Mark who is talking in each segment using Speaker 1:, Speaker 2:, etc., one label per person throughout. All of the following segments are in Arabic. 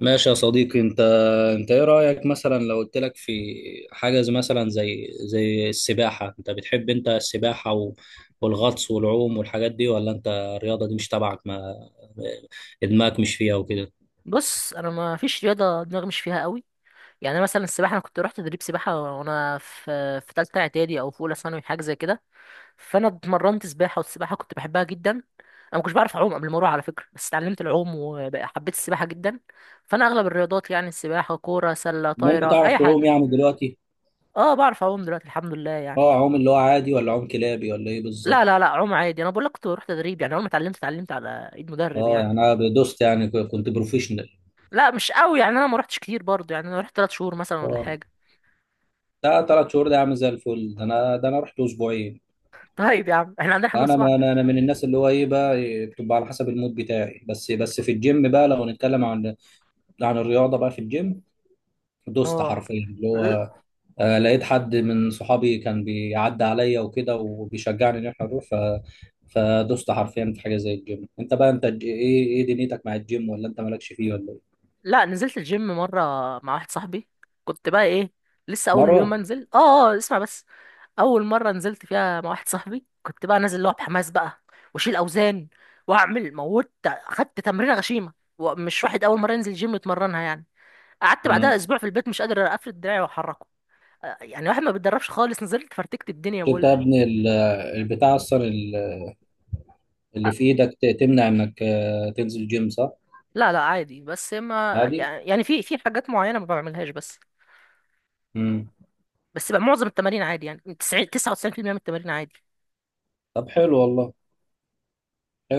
Speaker 1: ماشي يا صديقي. انت ايه رأيك مثلا لو قلت لك في حاجة مثلا زي السباحة؟ انت بتحب انت السباحة والغطس والعوم والحاجات دي، ولا انت الرياضة دي مش تبعك، ما دماغك مش فيها وكده؟
Speaker 2: بص، انا ما فيش رياضه دماغي مش فيها قوي. يعني أنا مثلا السباحه، انا كنت رحت تدريب سباحه وانا في ثالثه اعدادي او في اولى ثانوي حاجه زي كده. فانا اتمرنت سباحه، والسباحه كنت بحبها جدا. انا ما كنتش بعرف اعوم قبل ما اروح على فكره، بس اتعلمت العوم وحبيت السباحه جدا. فانا اغلب الرياضات يعني السباحه، كوره سله،
Speaker 1: المهم
Speaker 2: طايره،
Speaker 1: بتعرف
Speaker 2: اي
Speaker 1: تعوم
Speaker 2: حاجه.
Speaker 1: يعني دلوقتي؟
Speaker 2: اه، بعرف اعوم دلوقتي الحمد لله يعني.
Speaker 1: اه، عوم اللي هو عادي ولا عوم كلابي ولا ايه
Speaker 2: لا
Speaker 1: بالظبط؟
Speaker 2: لا لا، اعوم عادي. انا بقول لك كنت بروح تدريب يعني، اول ما اتعلمت على ايد مدرب
Speaker 1: اه يعني
Speaker 2: يعني.
Speaker 1: انا دوست، يعني كنت بروفيشنال؟
Speaker 2: لا مش قوي يعني، انا ما رحتش كتير برضه، يعني انا رحت 3 شهور مثلا ولا
Speaker 1: اه،
Speaker 2: حاجه.
Speaker 1: ده ثلاث شهور ده عامل زي الفل. ده انا، رحت اسبوعين.
Speaker 2: طيب يا عم احنا عندنا حمام
Speaker 1: انا،
Speaker 2: سباحه.
Speaker 1: ما انا أنا من الناس اللي هو ايه بقى، إيه، بتبقى على حسب المود بتاعي، بس في الجيم بقى، لو هنتكلم عن الرياضه بقى في الجيم، دوست
Speaker 2: اه
Speaker 1: حرفيا اللي
Speaker 2: ل-
Speaker 1: هو، لقيت حد من صحابي كان بيعدي عليا وكده وبيشجعني ان احنا نروح، فدوست حرفيا في حاجه زي الجيم. انت بقى انت ايه دنيتك مع الجيم، ولا انت مالكش فيه ولا ايه؟
Speaker 2: لا، نزلت الجيم مرة مع واحد صاحبي، كنت بقى ايه، لسه اول يوم
Speaker 1: مره.
Speaker 2: انزل. اه اسمع بس. اول مرة نزلت فيها مع واحد صاحبي كنت بقى نازل اللي هو بحماس بقى، واشيل اوزان واعمل موت. خدت تمرينة غشيمة، ومش واحد اول مرة ينزل جيم يتمرنها يعني. قعدت بعدها
Speaker 1: امم.
Speaker 2: اسبوع في البيت مش قادر اقفل دراعي واحركه. يعني واحد ما بيتدربش خالص نزلت فرتكت الدنيا
Speaker 1: انت
Speaker 2: بقول
Speaker 1: يا
Speaker 2: لك.
Speaker 1: ابني البتاع اصلا، اللي في ايدك، تمنع انك، تنزل جيم، صح؟
Speaker 2: لا لا عادي، بس ما
Speaker 1: عادي.
Speaker 2: يعني في حاجات معينة ما بعملهاش. بس
Speaker 1: امم.
Speaker 2: بس بقى معظم التمارين عادي، يعني 90 99% من التمارين عادي.
Speaker 1: طب حلو والله.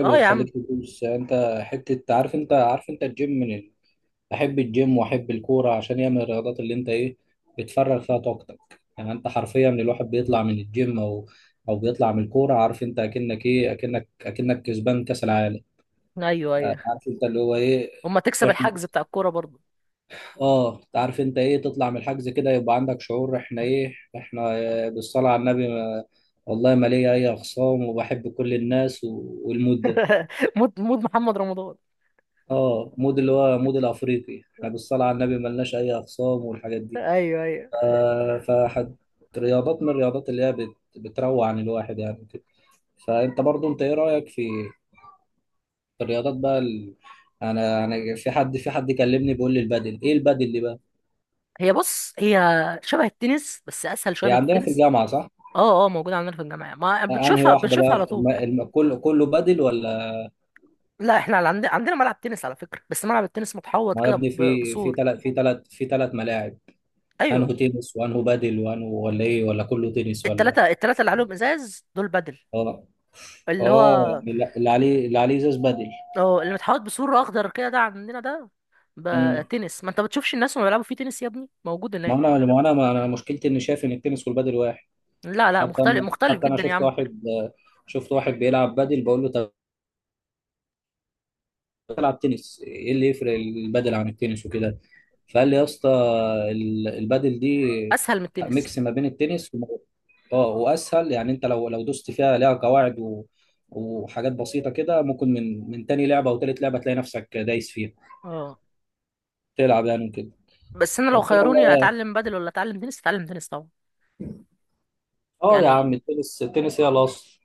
Speaker 2: اه يا عم.
Speaker 1: تخليك تدوس. يعني انت حته، عارف انت، عارف انت الجيم من ال... احب الجيم واحب الكوره، عشان هي من الرياضات اللي انت ايه، بتفرغ فيها طاقتك. يعني انت حرفيا الواحد بيطلع من الجيم او بيطلع من الكوره، عارف انت اكنك ايه، اكنك كسبان كاس العالم.
Speaker 2: ايوه ايوه،
Speaker 1: عارف انت اللي هو ايه.
Speaker 2: اما تكسب
Speaker 1: احنا،
Speaker 2: الحجز بتاع الكوره برضه.
Speaker 1: اه، عارف انت ايه، تطلع من الحجز كده يبقى عندك شعور، احنا ايه، احنا، بالصلاه على النبي ما... والله ما ليا اي اخصام، وبحب كل الناس والمود ده.
Speaker 2: مود محمد رمضان.
Speaker 1: اه، مود اللي هو مود الافريقي، احنا بالصلاه على النبي ملناش اي اخصام والحاجات دي.
Speaker 2: ايوه ايوه،
Speaker 1: فحد، رياضات من الرياضات اللي هي بت... بتروع عن الواحد يعني كده. فانت برضو انت ايه رايك في الرياضات بقى ال... انا في حد، في حد كلمني بيقول لي البدل، ايه البدل دي بقى؟
Speaker 2: بص، هي شبه التنس بس اسهل شويه
Speaker 1: هي
Speaker 2: من
Speaker 1: عندنا في
Speaker 2: التنس.
Speaker 1: الجامعه، صح؟
Speaker 2: اه اه، موجوده عندنا في الجامعه، ما
Speaker 1: انهي
Speaker 2: بتشوفها
Speaker 1: واحده
Speaker 2: بنشوفها على
Speaker 1: بقى،
Speaker 2: طول.
Speaker 1: الم... الم... كله كله بدل ولا؟
Speaker 2: لا، احنا عندنا ملعب تنس على فكره، بس ملعب التنس متحوط
Speaker 1: ما يا
Speaker 2: كده
Speaker 1: ابني في في
Speaker 2: بسور.
Speaker 1: ثلاث في ثلاث في ثلاث ملاعب. انه
Speaker 2: ايوه،
Speaker 1: تنس، وانه بدل، وانه ولا ايه، ولا كله تنس ولا؟
Speaker 2: التلاته اللي عليهم ازاز دول بدل.
Speaker 1: اه
Speaker 2: اللي
Speaker 1: اه
Speaker 2: هو
Speaker 1: يعني اللي عليه، اللي عليه ازاز بدل.
Speaker 2: اه اللي متحوط بسور اخضر كده ده عندنا، ده بقى
Speaker 1: امم.
Speaker 2: تنس، ما انت بتشوفش الناس وهم بيلعبوا فيه تنس يا ابني، موجود
Speaker 1: ما
Speaker 2: هناك.
Speaker 1: انا ما انا ما انا مشكلتي اني شايف ان التنس والبدل واحد.
Speaker 2: لا لا،
Speaker 1: حتى
Speaker 2: مختلف
Speaker 1: انا
Speaker 2: مختلف
Speaker 1: حتى انا
Speaker 2: جدا يا
Speaker 1: شفت
Speaker 2: عم.
Speaker 1: واحد، شفت واحد بيلعب بدل، بقول له طب العب تنس، ايه اللي يفرق البدل عن التنس وكده؟ فقال لي يا اسطى، البدل دي
Speaker 2: اسهل من التنس.
Speaker 1: ميكس ما بين التنس اه واسهل. يعني انت لو دوست فيها ليها قواعد وحاجات بسيطه كده، ممكن من تاني لعبه او تالت لعبه تلاقي نفسك دايس فيها.
Speaker 2: اه،
Speaker 1: تلعب يعني وكده.
Speaker 2: بس انا لو
Speaker 1: قلت له
Speaker 2: خيروني
Speaker 1: والله.
Speaker 2: اتعلم بدل ولا اتعلم تنس، اتعلم تنس طبعا
Speaker 1: اه يا
Speaker 2: يعني.
Speaker 1: عم، التنس، التنس هي الاصل.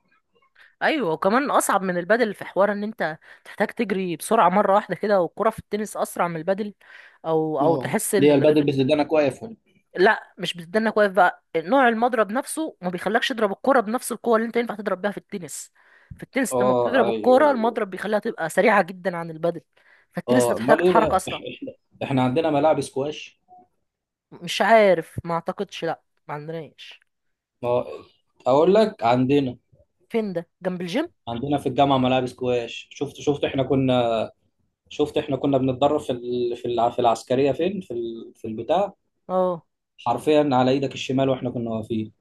Speaker 2: ايوه، وكمان اصعب من البدل في حوار ان انت تحتاج تجري بسرعه مره واحده كده، والكره في التنس اسرع من البدل. او
Speaker 1: اه،
Speaker 2: تحس
Speaker 1: ليه
Speaker 2: ان.
Speaker 1: البدل بتدينا واقف ولا؟
Speaker 2: لا مش بتدنك واقف بقى، نوع المضرب نفسه ما بيخلكش تضرب الكرة بنفس القوة اللي انت ينفع تضرب بيها في التنس. في التنس انت لما
Speaker 1: اه،
Speaker 2: بتضرب
Speaker 1: ايوه
Speaker 2: الكرة
Speaker 1: ايوه.
Speaker 2: المضرب بيخليها تبقى سريعة جدا عن البدل. فالتنس
Speaker 1: اه،
Speaker 2: هتحتاج
Speaker 1: امال ايه
Speaker 2: تتحرك
Speaker 1: بقى،
Speaker 2: أسرع.
Speaker 1: احنا عندنا ملاعب سكواش.
Speaker 2: مش عارف، ما أعتقدش، لا. ما عندناش.
Speaker 1: اه، اقول لك، عندنا
Speaker 2: فين ده، جنب الجيم؟
Speaker 1: عندنا في الجامعه ملاعب سكواش. شفت احنا كنا، شفت احنا كنا بنتدرب في ال... في الع... في العسكريه، فين، في ال... في البتاع،
Speaker 2: اه،
Speaker 1: حرفيا على ايدك الشمال واحنا كنا واقفين.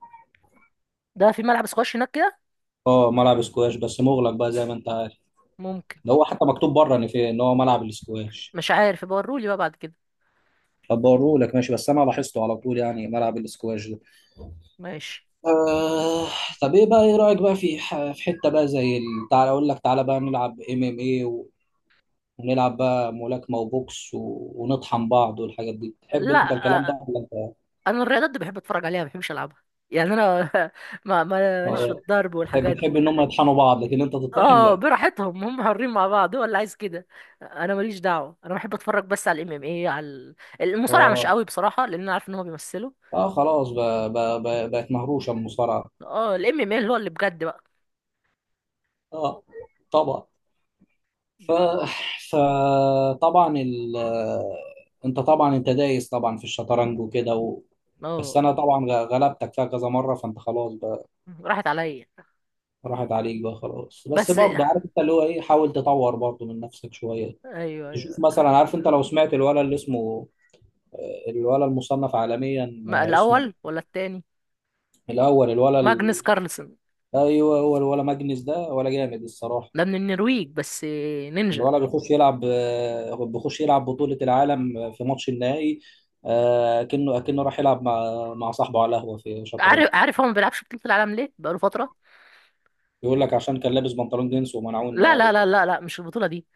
Speaker 2: ده في ملعب سكواش هناك كده.
Speaker 1: اه، ملعب سكواش بس مغلق بقى، زي ما انت عارف.
Speaker 2: ممكن،
Speaker 1: ده هو حتى مكتوب بره ان في، ان هو ملعب السكواش.
Speaker 2: مش عارف، يبقى ورولي بقى بعد كده.
Speaker 1: طب بوريه لك، ماشي، بس انا لاحظته على طول يعني ملعب السكواش.
Speaker 2: ماشي.
Speaker 1: آه. طب ايه بقى، ايه رأيك بقى في في حتة بقى زي تعالى اقول لك، تعالى بقى نلعب ام ام ايه، ونلعب بقى ملاكمة وبوكس ونطحن بعض والحاجات دي. تحب
Speaker 2: لا.
Speaker 1: انت الكلام ده
Speaker 2: آه،
Speaker 1: ولا انت؟
Speaker 2: انا الرياضات دي بحب اتفرج عليها ما بحبش العبها يعني انا. ماليش في
Speaker 1: اه،
Speaker 2: الضرب
Speaker 1: تحب
Speaker 2: والحاجات
Speaker 1: تحب
Speaker 2: دي.
Speaker 1: ان هم يطحنوا بعض، لكن انت تطحن
Speaker 2: اه،
Speaker 1: لا.
Speaker 2: براحتهم هم حرين مع بعض، هو اللي عايز كده. انا ماليش دعوه، انا بحب اتفرج بس على الام ام اي، على المصارعه مش
Speaker 1: اه
Speaker 2: قوي بصراحه، لان انا عارف ان هو بيمثلوا.
Speaker 1: اه خلاص بقى، بقى بقت مهروشة المصارعة.
Speaker 2: اه، الام ام اي اللي هو اللي بجد بقى.
Speaker 1: اه طبعا. ف فطبعا ال... انت طبعا، انت دايس طبعا في الشطرنج وكده بس
Speaker 2: اه،
Speaker 1: انا طبعا غلبتك فيها كذا مرة، فانت خلاص بقى.
Speaker 2: راحت عليا
Speaker 1: راحت عليك بقى خلاص. بس
Speaker 2: بس.
Speaker 1: برضه عارف انت اللي هو ايه، حاول تطور برضه من نفسك شويه.
Speaker 2: ايوه
Speaker 1: تشوف
Speaker 2: ايوه،
Speaker 1: مثلا. عارف انت لو سمعت الولا اللي اسمه، الولا المصنف عالميا،
Speaker 2: ما
Speaker 1: اسمه،
Speaker 2: الاول ولا التاني؟
Speaker 1: الاول، الولا
Speaker 2: ماجنس
Speaker 1: ال...
Speaker 2: كارلسن.
Speaker 1: ايوه، هو الولا ماجنس ده ولا جامد الصراحه.
Speaker 2: ده من النرويج، بس نينجا.
Speaker 1: الولا بيخش يلعب، بيخش يلعب بطوله العالم في ماتش النهائي، كأنه راح يلعب مع صاحبه على قهوه في شطرنج.
Speaker 2: عارف هو ما بيلعبش بطولة العالم ليه بقاله فترة.
Speaker 1: بيقول لك عشان كان لابس بنطلون جينز ومنعوه ان
Speaker 2: لا
Speaker 1: هو
Speaker 2: لا لا لا لا، مش البطولة دي.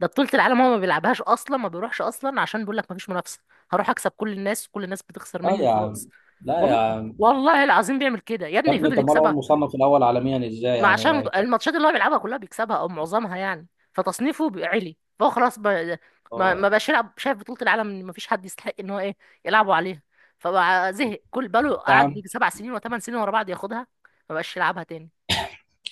Speaker 2: ده بطولة العالم هو ما بيلعبهاش أصلا، ما بيروحش أصلا، عشان بيقول لك مفيش منافسة. هروح أكسب كل الناس، كل الناس بتخسر
Speaker 1: اه
Speaker 2: مني
Speaker 1: يا عم.
Speaker 2: وخلاص.
Speaker 1: لا يا
Speaker 2: والله
Speaker 1: عم.
Speaker 2: والله العظيم بيعمل كده يا
Speaker 1: يا
Speaker 2: ابني،
Speaker 1: ابني
Speaker 2: فضل
Speaker 1: طب ما هو
Speaker 2: يكسبها.
Speaker 1: المصنف الاول عالميا ازاي
Speaker 2: ما عشان
Speaker 1: يعني؟
Speaker 2: الماتشات اللي هو بيلعبها كلها بيكسبها أو معظمها يعني، فتصنيفه عالي، فهو خلاص. ما
Speaker 1: اه
Speaker 2: بقاش يلعب، شايف بطولة العالم إن مفيش حد يستحق إن هو إيه يلعبوا عليها. فبقى زهق، كل بقاله
Speaker 1: يا
Speaker 2: قعد
Speaker 1: عم.
Speaker 2: يجي 7 سنين وثمان سنين ورا بعض ياخدها. ما بقاش يلعبها تاني.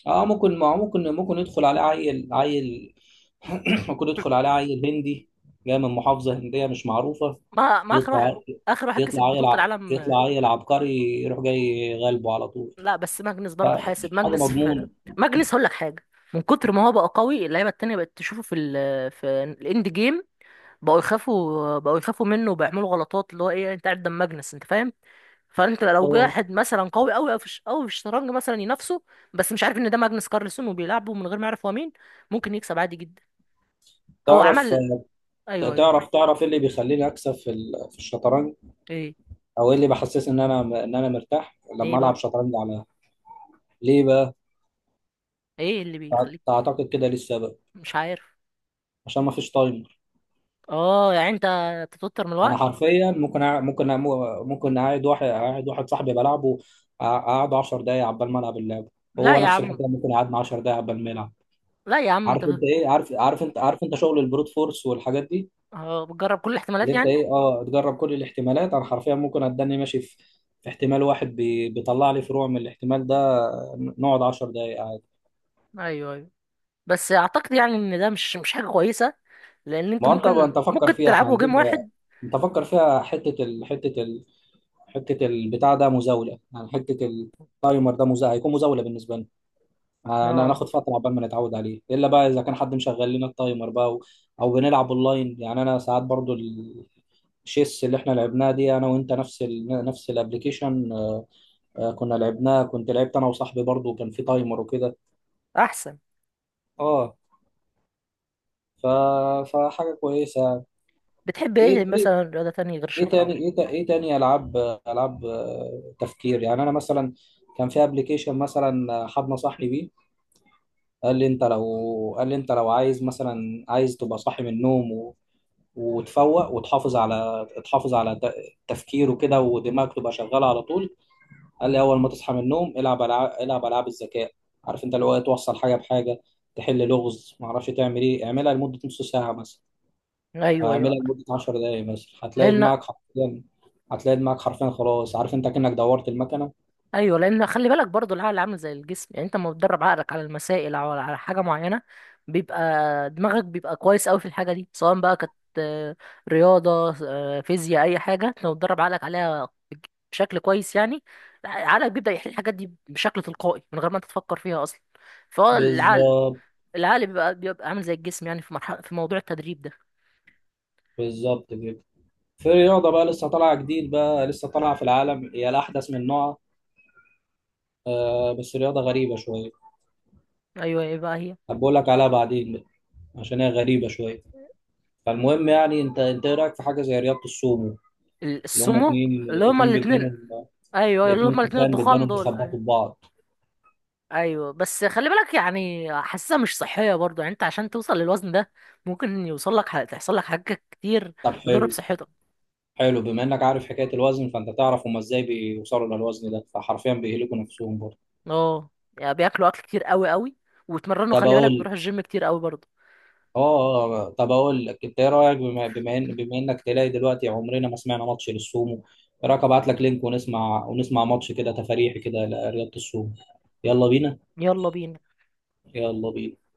Speaker 1: اه ممكن، ما هو ممكن يدخل عليه عيل، عيل، ممكن يدخل عليه عيل هندي جاي من محافظة هندية مش معروفة.
Speaker 2: ما ما آخر واحد
Speaker 1: يطلع.
Speaker 2: آخر واحد كسب
Speaker 1: يطلع عيل
Speaker 2: بطولة العالم.
Speaker 1: يطلع عيل عبقري يروح جاي غالبه على طول.
Speaker 2: لا بس ماجنس برضه، حاسب
Speaker 1: فحاجة
Speaker 2: ماجنس في.
Speaker 1: مضمونة.
Speaker 2: ماجنس هقول لك حاجه، من كتر ما هو بقى قوي اللعيبه التانية بقت تشوفه في ال في الاند جيم، بقوا يخافوا منه، وبيعملوا غلطات اللي هو ايه، انت قاعد قدام ماجنس انت فاهم. فانت لو جه
Speaker 1: اه
Speaker 2: واحد مثلا قوي قوي او في أوي في الشطرنج مثلا ينافسه، بس مش عارف ان ده ماجنس كارلسون وبيلعبه من غير ما يعرف هو مين، ممكن يكسب عادي جدا. هو
Speaker 1: تعرف،
Speaker 2: عمل. ايوه ايوه.
Speaker 1: تعرف ايه اللي بيخليني اكسب في في الشطرنج،
Speaker 2: ايه
Speaker 1: او ايه اللي بحسسني ان انا، ان انا مرتاح
Speaker 2: ايه
Speaker 1: لما العب
Speaker 2: بقى
Speaker 1: شطرنج على، ليه بقى،
Speaker 2: ايه اللي بيخليك.
Speaker 1: تعتقد كده ليه السبب؟
Speaker 2: مش عارف.
Speaker 1: عشان ما فيش تايم.
Speaker 2: اه يعني انت بتتوتر من
Speaker 1: انا
Speaker 2: الوقت.
Speaker 1: حرفيا ممكن ممكن ممكن اقعد واحد، اقعد واحد صاحبي بلعبه، اقعد 10 دقايق عبال ما العب اللعبه،
Speaker 2: لا
Speaker 1: وهو
Speaker 2: يا
Speaker 1: نفس
Speaker 2: عم،
Speaker 1: الحكايه ممكن يقعدنا 10 دقايق عبال ما يلعب.
Speaker 2: لا يا عم انت.
Speaker 1: عارف انت ايه، عارف، عارف انت عارف انت شغل البروت فورس والحاجات دي.
Speaker 2: اه، بتجرب كل الاحتمالات
Speaker 1: اللي انت
Speaker 2: يعني.
Speaker 1: ايه، اه، تجرب كل الاحتمالات. انا حرفيا ممكن اتدني ماشي في احتمال واحد بيطلع لي فروع من الاحتمال ده، نقعد 10 دقايق عادي.
Speaker 2: ايوه ايوه، بس اعتقد يعني ان ده مش حاجه كويسه، لان
Speaker 1: ما
Speaker 2: انتوا
Speaker 1: هو انت
Speaker 2: ممكن
Speaker 1: فكر
Speaker 2: ممكن
Speaker 1: فيها، احنا
Speaker 2: تلعبوا جيم
Speaker 1: هنجيب،
Speaker 2: واحد.
Speaker 1: انت فكر فيها حته ال... حته ال... حته البتاع ده مزاوله، يعني حته التايمر ده مزاوله، هيكون مزاوله بالنسبه لنا. انا
Speaker 2: اه،
Speaker 1: هناخد فتره عقبال ما نتعود عليه، الا بقى اذا كان حد مشغل لنا التايمر بقى، او بنلعب اونلاين. يعني انا ساعات برضو الشيس اللي احنا لعبناها دي انا وانت، نفس ال... نفس الابلكيشن، كنا لعبناها، كنت لعبت انا وصاحبي برضو كان في تايمر وكده.
Speaker 2: احسن.
Speaker 1: اه. ف... فحاجه كويسه.
Speaker 2: بتحب ايه
Speaker 1: ايه
Speaker 2: مثلا رياضه تانية غير
Speaker 1: ايه
Speaker 2: الشطرنج؟
Speaker 1: تاني، ايه, إيه تاني العاب، العاب تفكير؟ يعني انا مثلا كان في ابلكيشن مثلا، حد نصحني بيه، قال لي انت لو عايز مثلا، عايز تبقى صاحي من النوم، وتفوق وتحافظ على، تحافظ على تفكير وكده، ودماغك تبقى شغاله على طول. قال لي اول ما تصحى من النوم العب العاب، العب العاب الذكاء. عارف انت اللي هو إيه، توصل حاجه بحاجه، تحل لغز، ما اعرفش تعمل ايه، اعملها لمده نص ساعه مثلا، او
Speaker 2: ايوه ايوه،
Speaker 1: اعملها لمده 10 دقائق مثلا. هتلاقي
Speaker 2: لان.
Speaker 1: دماغك حرفيا، هتلاقي دماغك حرفيا خلاص، عارف انت، كأنك دورت المكنه.
Speaker 2: ايوه، لان خلي بالك برضو العقل عامل زي الجسم. يعني انت لما بتدرب عقلك على المسائل او على حاجه معينه، بيبقى دماغك بيبقى كويس قوي في الحاجه دي، سواء بقى كانت آه، رياضه، فيزياء، اي حاجه. أنت لو بتدرب عقلك عليها بشكل كويس يعني، عقلك بيبدا يحل الحاجات دي بشكل تلقائي من غير ما انت تفكر فيها اصلا. فهو العقل
Speaker 1: بالظبط.
Speaker 2: العقل بيبقى عامل زي الجسم، يعني في مرحله في موضوع التدريب ده.
Speaker 1: بالظبط كده. في رياضه بقى لسه طالعه جديد، بقى لسه طالعه في العالم، هي الاحدث من نوعها، بس رياضه غريبه شويه.
Speaker 2: ايوه. ايه بقى هي؟
Speaker 1: هبقول لك عليها بعدين، عشان هي غريبة شوية. فالمهم يعني، انت ايه رأيك في حاجة زي رياضة السومو؟ اللي هم
Speaker 2: السمو.
Speaker 1: اتنين،
Speaker 2: اللي هما
Speaker 1: اتنين
Speaker 2: الاثنين.
Speaker 1: بيدانهم،
Speaker 2: ايوه، اللي هما
Speaker 1: اتنين
Speaker 2: الاثنين
Speaker 1: تخان
Speaker 2: الضخام
Speaker 1: بيدانهم
Speaker 2: دول، أيوة.
Speaker 1: بيخبطوا في بعض.
Speaker 2: ايوه، بس خلي بالك يعني حاسسها مش صحيه برضو، يعني انت عشان توصل للوزن ده ممكن يوصل لك، تحصل لك حاجات كتير
Speaker 1: طب
Speaker 2: تضر
Speaker 1: حلو.
Speaker 2: بصحتك.
Speaker 1: حلو، بما انك عارف حكاية الوزن، فانت تعرف هم ازاي بيوصلوا للوزن ده، فحرفيا بيهلكوا نفسهم برضه.
Speaker 2: اه، يعني بياكلوا اكل كتير قوي قوي، ويتمرنوا
Speaker 1: طب
Speaker 2: خلي بالك،
Speaker 1: اقول.
Speaker 2: بيروحوا الجيم كتير قوي برضو.
Speaker 1: اه، طب اقول لك، انت ايه رأيك، بما، بما ان بما انك تلاقي دلوقتي عمرنا ما سمعنا ماتش للسومو؟ ايه رأيك ابعت لك لينك، ونسمع، ونسمع ماتش كده تفاريحي كده لرياضة السومو. يلا بينا.
Speaker 2: يلا بينا.
Speaker 1: يلا بينا.